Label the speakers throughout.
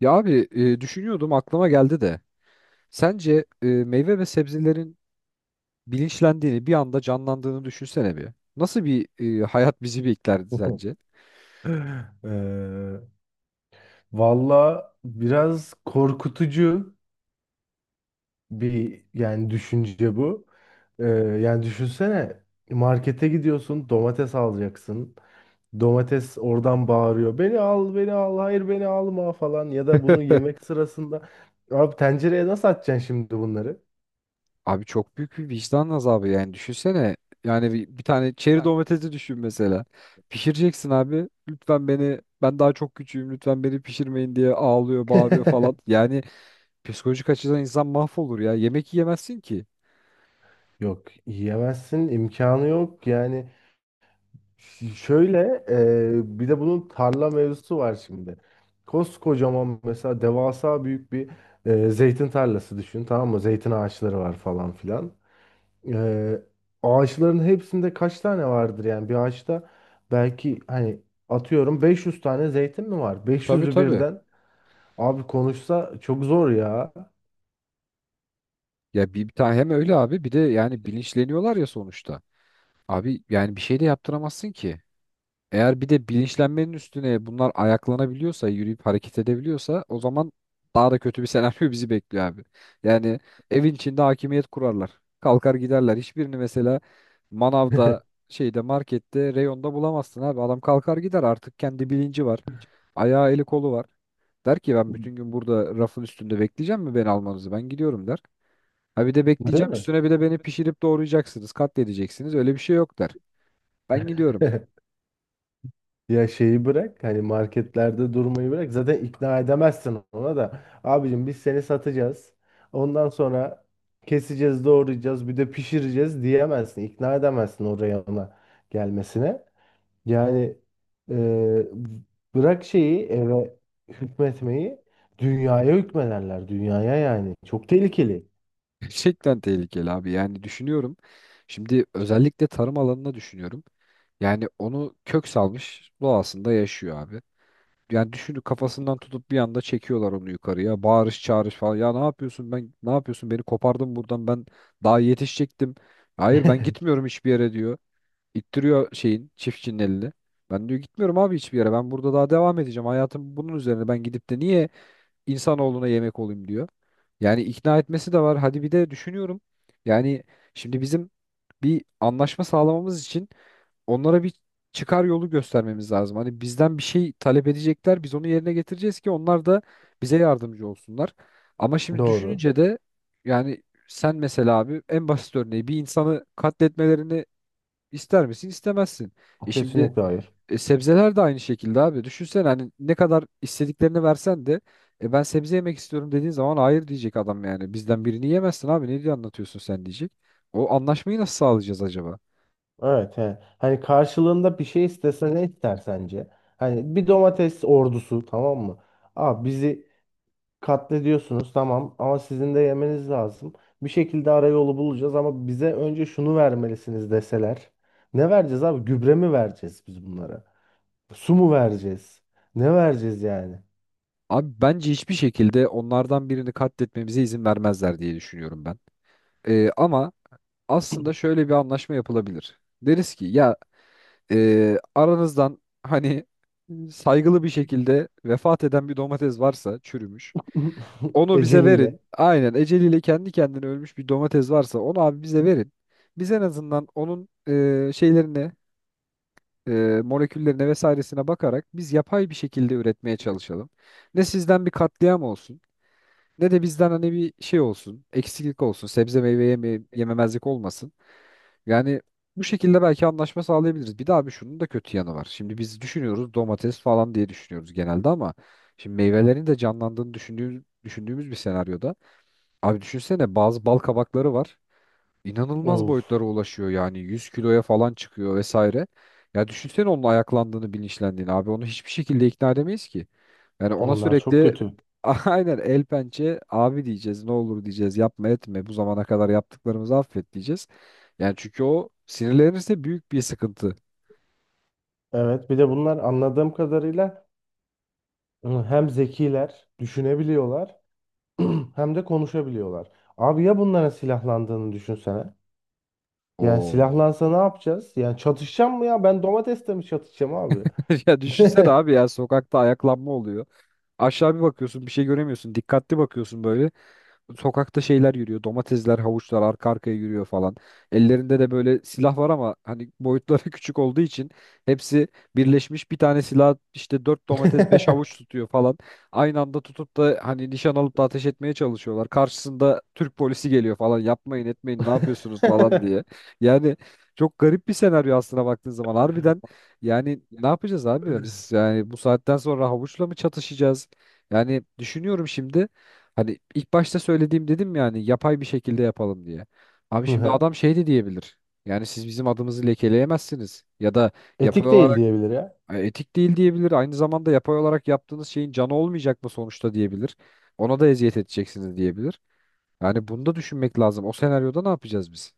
Speaker 1: Ya abi düşünüyordum aklıma geldi de. Sence meyve ve sebzelerin bilinçlendiğini bir anda canlandığını düşünsene bir. Nasıl bir hayat bizi beklerdi sence?
Speaker 2: Eee valla biraz korkutucu bir yani düşünce bu. Ee, yani düşünsene, markete gidiyorsun, domates alacaksın. Domates oradan bağırıyor. Beni al, beni al, hayır beni alma falan. Ya da bunu yemek sırasında. Abi tencereye nasıl atacaksın şimdi bunları?
Speaker 1: Abi çok büyük bir vicdan azabı yani düşünsene. Yani bir tane çeri
Speaker 2: Yani
Speaker 1: domatesi düşün mesela. Pişireceksin abi. Lütfen beni ben daha çok küçüğüm lütfen beni pişirmeyin diye ağlıyor bağırıyor falan. Yani psikolojik açıdan insan mahvolur ya. Yemek yiyemezsin ki.
Speaker 2: yok, yiyemezsin, imkanı yok. Yani şöyle, bir de bunun tarla mevzusu var şimdi. Koskocaman mesela, devasa büyük bir zeytin tarlası düşün, tamam mı? Zeytin ağaçları var falan filan. E, Ağaçların hepsinde kaç tane vardır, yani bir ağaçta belki hani atıyorum 500 tane zeytin mi var?
Speaker 1: Tabii
Speaker 2: 500'ü
Speaker 1: tabii.
Speaker 2: birden abi konuşsa çok zor ya.
Speaker 1: Ya bir tane hem öyle abi bir de yani bilinçleniyorlar ya sonuçta. Abi yani bir şey de yaptıramazsın ki. Eğer bir de bilinçlenmenin üstüne bunlar ayaklanabiliyorsa, yürüyüp hareket edebiliyorsa o zaman daha da kötü bir senaryo bizi bekliyor abi. Yani evin içinde hakimiyet kurarlar. Kalkar giderler. Hiçbirini mesela manavda, şeyde, markette, reyonda bulamazsın abi. Adam kalkar gider artık kendi bilinci var. Ayağı eli kolu var. Der ki ben bütün gün burada rafın üstünde bekleyeceğim mi beni almanızı? Ben gidiyorum der. Ha bir de
Speaker 2: Değil
Speaker 1: bekleyeceğim
Speaker 2: mi?
Speaker 1: üstüne bir de beni pişirip doğrayacaksınız, katledeceksiniz. Öyle bir şey yok der. Ben gidiyorum.
Speaker 2: Ya şeyi bırak, hani marketlerde durmayı bırak, zaten ikna edemezsin ona da. Abicim, biz seni satacağız, ondan sonra keseceğiz, doğrayacağız, bir de pişireceğiz diyemezsin, ikna edemezsin oraya, ona gelmesine. Yani, e, bırak şeyi, eve hükmetmeyi, dünyaya hükmederler, dünyaya. Yani çok tehlikeli.
Speaker 1: Gerçekten tehlikeli abi. Yani düşünüyorum. Şimdi özellikle tarım alanına düşünüyorum. Yani onu kök salmış doğasında yaşıyor abi. Yani düşünün kafasından tutup bir anda çekiyorlar onu yukarıya. Bağırış çağırış falan. Ya ne yapıyorsun ben ne yapıyorsun beni kopardın buradan ben daha yetişecektim. Hayır ben gitmiyorum hiçbir yere diyor. İttiriyor şeyin çiftçinin elini. Ben diyor gitmiyorum abi hiçbir yere. Ben burada daha devam edeceğim. Hayatım bunun üzerine. Ben gidip de niye insanoğluna yemek olayım diyor. Yani ikna etmesi de var. Hadi bir de düşünüyorum. Yani şimdi bizim bir anlaşma sağlamamız için onlara bir çıkar yolu göstermemiz lazım. Hani bizden bir şey talep edecekler. Biz onu yerine getireceğiz ki onlar da bize yardımcı olsunlar. Ama şimdi
Speaker 2: Doğru.
Speaker 1: düşününce de yani sen mesela abi en basit örneği bir insanı katletmelerini İster misin? İstemezsin. E şimdi
Speaker 2: Kesinlikle hayır.
Speaker 1: sebzeler de aynı şekilde abi. Düşünsene hani ne kadar istediklerini versen de ben sebze yemek istiyorum dediğin zaman hayır diyecek adam yani. Bizden birini yemezsin abi. Ne diye anlatıyorsun sen diyecek. O anlaşmayı nasıl sağlayacağız acaba?
Speaker 2: Evet, he. Hani karşılığında bir şey istese ne ister sence? Hani bir domates ordusu, tamam mı? Aa, bizi katlediyorsunuz tamam, ama sizin de yemeniz lazım. Bir şekilde ara yolu bulacağız, ama bize önce şunu vermelisiniz deseler. Ne vereceğiz abi? Gübre mi vereceğiz biz bunlara? Su mu vereceğiz? Ne vereceğiz yani?
Speaker 1: Abi bence hiçbir şekilde onlardan birini katletmemize izin vermezler diye düşünüyorum ben. E, ama aslında şöyle bir anlaşma yapılabilir. Deriz ki ya aranızdan hani saygılı bir şekilde vefat eden bir domates varsa çürümüş. Onu bize
Speaker 2: Eceliyle.
Speaker 1: verin. Aynen eceliyle kendi kendine ölmüş bir domates varsa onu abi bize verin. Biz en azından onun şeylerine, e, moleküllerine vesairesine bakarak biz yapay bir şekilde üretmeye çalışalım. Ne sizden bir katliam olsun, ne de bizden hani bir şey olsun, eksiklik olsun, sebze meyve yeme yememezlik olmasın. Yani bu şekilde belki anlaşma sağlayabiliriz. Bir de abi şunun da kötü yanı var. Şimdi biz düşünüyoruz domates falan diye düşünüyoruz genelde ama şimdi meyvelerin de canlandığını düşündüğümüz bir senaryoda. Abi düşünsene bazı bal kabakları var inanılmaz
Speaker 2: Of,
Speaker 1: boyutlara ulaşıyor yani 100 kiloya falan çıkıyor vesaire. Ya düşünsene onun ayaklandığını bilinçlendiğini abi onu hiçbir şekilde ikna edemeyiz ki. Yani ona
Speaker 2: onlar çok
Speaker 1: sürekli
Speaker 2: kötü.
Speaker 1: aynen el pençe abi diyeceğiz ne olur diyeceğiz yapma etme bu zamana kadar yaptıklarımızı affet diyeceğiz. Yani çünkü o sinirlenirse büyük bir sıkıntı.
Speaker 2: Evet, bir de bunlar anladığım kadarıyla hem zekiler, düşünebiliyorlar. Hem de konuşabiliyorlar. Abi ya, bunların silahlandığını düşünsene. Yani
Speaker 1: Oo.
Speaker 2: silahlansa ne yapacağız? Yani çatışacağım mı ya? Ben domatesle mi çatışacağım abi?
Speaker 1: Ya düşünsene abi ya sokakta ayaklanma oluyor. Aşağı bir bakıyorsun bir şey göremiyorsun. Dikkatli bakıyorsun böyle. Sokakta şeyler yürüyor. Domatesler, havuçlar arka arkaya yürüyor falan. Ellerinde de böyle silah var ama hani boyutları küçük olduğu için hepsi birleşmiş bir tane silah işte 4 domates 5 havuç tutuyor falan. Aynı anda tutup da hani nişan alıp da ateş etmeye çalışıyorlar. Karşısında Türk polisi geliyor falan. Yapmayın etmeyin ne yapıyorsunuz falan diye. Yani çok garip bir senaryo aslına baktığın zaman. Harbiden yani ne yapacağız abi? Biz yani bu saatten sonra havuçla mı çatışacağız? Yani düşünüyorum şimdi hani ilk başta söylediğim dedim yani yapay bir şekilde yapalım diye. Abi şimdi adam şey de diyebilir. Yani siz bizim adımızı lekeleyemezsiniz ya da yapay
Speaker 2: Etik değil
Speaker 1: olarak
Speaker 2: diyebilir.
Speaker 1: etik değil diyebilir. Aynı zamanda yapay olarak yaptığınız şeyin canı olmayacak mı sonuçta diyebilir. Ona da eziyet edeceksiniz diyebilir. Yani bunu da düşünmek lazım. O senaryoda ne yapacağız biz?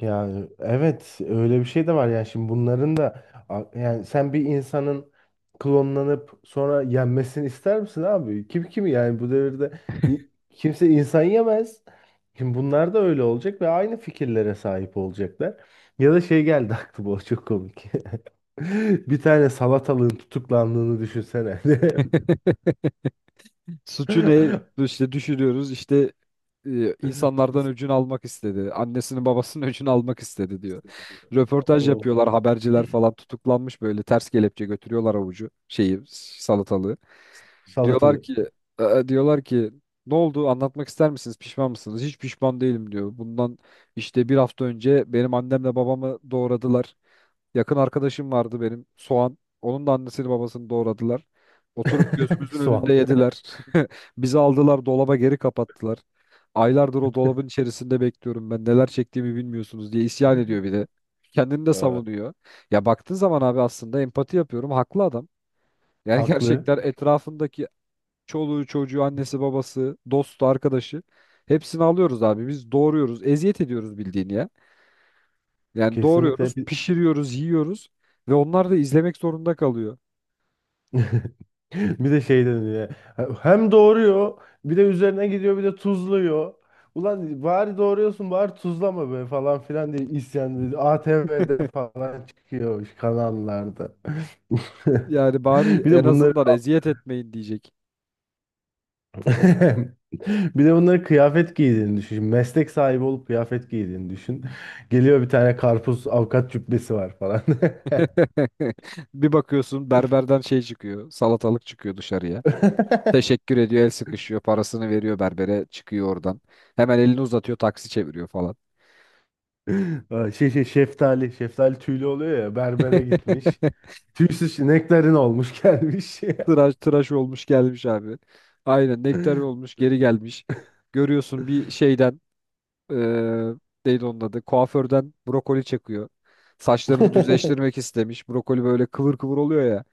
Speaker 2: Ya evet, öyle bir şey de var. Yani şimdi bunların da yani, sen bir insanın klonlanıp sonra yenmesini ister misin abi? Kim kimi, yani bu devirde kimse insan yemez. Şimdi bunlar da öyle olacak ve aynı fikirlere sahip olacaklar. Ya da şey geldi aklıma, o çok komik. Bir tane salatalığın tutuklandığını düşünsene.
Speaker 1: Suçu ne? İşte düşürüyoruz. İşte insanlardan öcünü almak istedi. Annesinin babasının öcünü almak istedi diyor. Röportaj
Speaker 2: Of,
Speaker 1: yapıyorlar. Haberciler falan tutuklanmış böyle ters kelepçe götürüyorlar avucu şeyi salatalığı. Diyorlar
Speaker 2: salatalık.
Speaker 1: ki e, diyorlar ki ne oldu? Anlatmak ister misiniz? Pişman mısınız? Hiç pişman değilim diyor. Bundan işte bir hafta önce benim annemle babamı doğradılar. Yakın arkadaşım vardı benim Soğan. Onun da annesini babasını doğradılar. Oturup gözümüzün önünde
Speaker 2: Soğan.
Speaker 1: yediler. Bizi aldılar dolaba geri kapattılar. Aylardır o dolabın içerisinde bekliyorum ben neler çektiğimi bilmiyorsunuz diye isyan ediyor bir de. Kendini de savunuyor. Ya baktığın zaman abi aslında empati yapıyorum. Haklı adam. Yani
Speaker 2: Haklı.
Speaker 1: gerçekten etrafındaki çoluğu çocuğu annesi babası dostu arkadaşı hepsini alıyoruz abi. Biz doğuruyoruz eziyet ediyoruz bildiğini ya. Yani
Speaker 2: Kesinlikle.
Speaker 1: doğruyoruz, pişiriyoruz, yiyoruz ve onlar da izlemek zorunda kalıyor.
Speaker 2: Bir de şey dedi ya. Hem doğuruyor, bir de üzerine gidiyor, bir de tuzluyor. Ulan bari doğuruyorsun, bari tuzlama be falan filan diye isyan dedi. ATV'de falan çıkıyor, kanallarda.
Speaker 1: Yani bari
Speaker 2: Bir
Speaker 1: en
Speaker 2: de bunları
Speaker 1: azından eziyet etmeyin diyecek.
Speaker 2: bir de bunları kıyafet giydiğini düşün. Meslek sahibi olup kıyafet giydiğini düşün. Geliyor bir tane karpuz, avukat cübbesi var falan.
Speaker 1: Bir bakıyorsun berberden şey çıkıyor, salatalık çıkıyor dışarıya. Teşekkür ediyor, el sıkışıyor, parasını veriyor berbere, çıkıyor oradan. Hemen elini uzatıyor, taksi çeviriyor falan.
Speaker 2: Aa, şey şey şeftali, şeftali tüylü oluyor ya, berbere gitmiş. Tüysüz ineklerin olmuş gelmiş.
Speaker 1: Tıraş tıraş olmuş gelmiş abi. Aynen nektar olmuş geri gelmiş. Görüyorsun bir şeyden eee neydi onun adı? Kuaförden brokoli çekiyor. Saçlarını düzleştirmek istemiş. Brokoli böyle kıvır kıvır oluyor ya.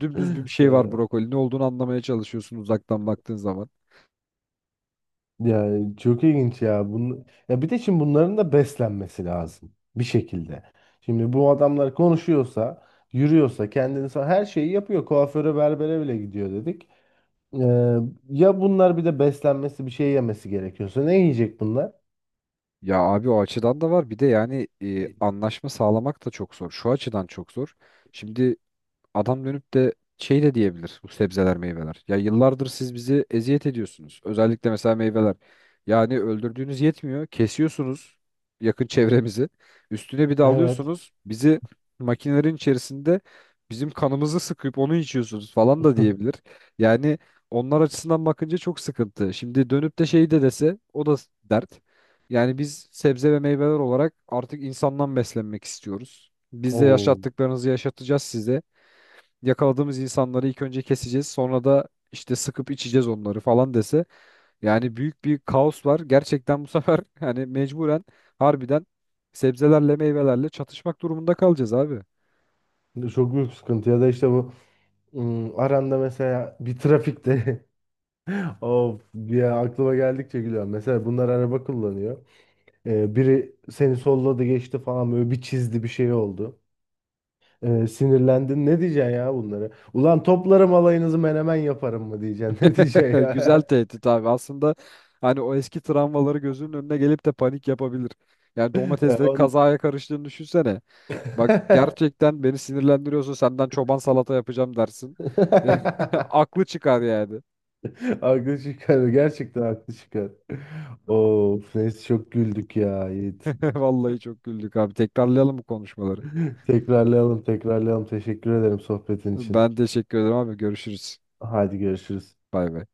Speaker 1: Dümdüz bir şey var
Speaker 2: Ya,
Speaker 1: brokoli. Ne olduğunu anlamaya çalışıyorsun uzaktan baktığın zaman.
Speaker 2: yani çok ilginç ya. Ya bir de şimdi bunların da beslenmesi lazım bir şekilde. Şimdi bu adamlar konuşuyorsa, yürüyorsa, kendini her şeyi yapıyor. Kuaföre, berbere bile gidiyor dedik. Ee, ya bunlar bir de beslenmesi, bir şey yemesi gerekiyorsa ne yiyecek bunlar?
Speaker 1: Ya abi o açıdan da var. Bir de yani
Speaker 2: E,
Speaker 1: anlaşma sağlamak da çok zor. Şu açıdan çok zor. Şimdi adam dönüp de şey de diyebilir bu sebzeler meyveler. Ya yıllardır siz bizi eziyet ediyorsunuz. Özellikle mesela meyveler. Yani öldürdüğünüz yetmiyor. Kesiyorsunuz yakın çevremizi. Üstüne bir de
Speaker 2: Evet.
Speaker 1: alıyorsunuz bizi makinelerin içerisinde bizim kanımızı sıkıp onu içiyorsunuz falan da diyebilir. Yani onlar açısından bakınca çok sıkıntı. Şimdi dönüp de şey de dese o da dert. Yani biz sebze ve meyveler olarak artık insandan beslenmek istiyoruz. Biz de
Speaker 2: Oo,
Speaker 1: yaşattıklarınızı yaşatacağız size yakaladığımız insanları ilk önce keseceğiz. Sonra da işte sıkıp içeceğiz onları falan dese. Yani büyük bir kaos var. Gerçekten bu sefer hani mecburen harbiden sebzelerle meyvelerle çatışmak durumunda kalacağız abi.
Speaker 2: çok büyük sıkıntı. Ya da işte bu. Hmm, aranda mesela bir trafikte of ya, aklıma geldikçe gülüyorum. Mesela bunlar araba kullanıyor. Biri seni solladı, geçti falan, böyle bir çizdi, bir şey oldu. Sinirlendin, ne diyeceksin ya bunları? Ulan, toplarım alayınızı menemen yaparım mı diyeceksin ne diyeceksin
Speaker 1: Güzel
Speaker 2: ya?
Speaker 1: tehdit abi. Aslında hani o eski travmaları gözünün önüne gelip de panik yapabilir. Yani
Speaker 2: Ee,
Speaker 1: domatesle
Speaker 2: on...
Speaker 1: kazaya karıştığını düşünsene. Bak, evet. Gerçekten beni sinirlendiriyorsa senden çoban salata yapacağım dersin. Aklı çıkar yani.
Speaker 2: Haklı çıkar, gerçekten haklı çıkar. Of neyse, çok güldük ya Yiğit.
Speaker 1: Vallahi çok güldük abi. Tekrarlayalım bu konuşmaları.
Speaker 2: Tekrarlayalım, tekrarlayalım. Teşekkür ederim sohbetin için.
Speaker 1: Ben teşekkür ederim abi. Görüşürüz.
Speaker 2: Haydi görüşürüz.
Speaker 1: Bay bay.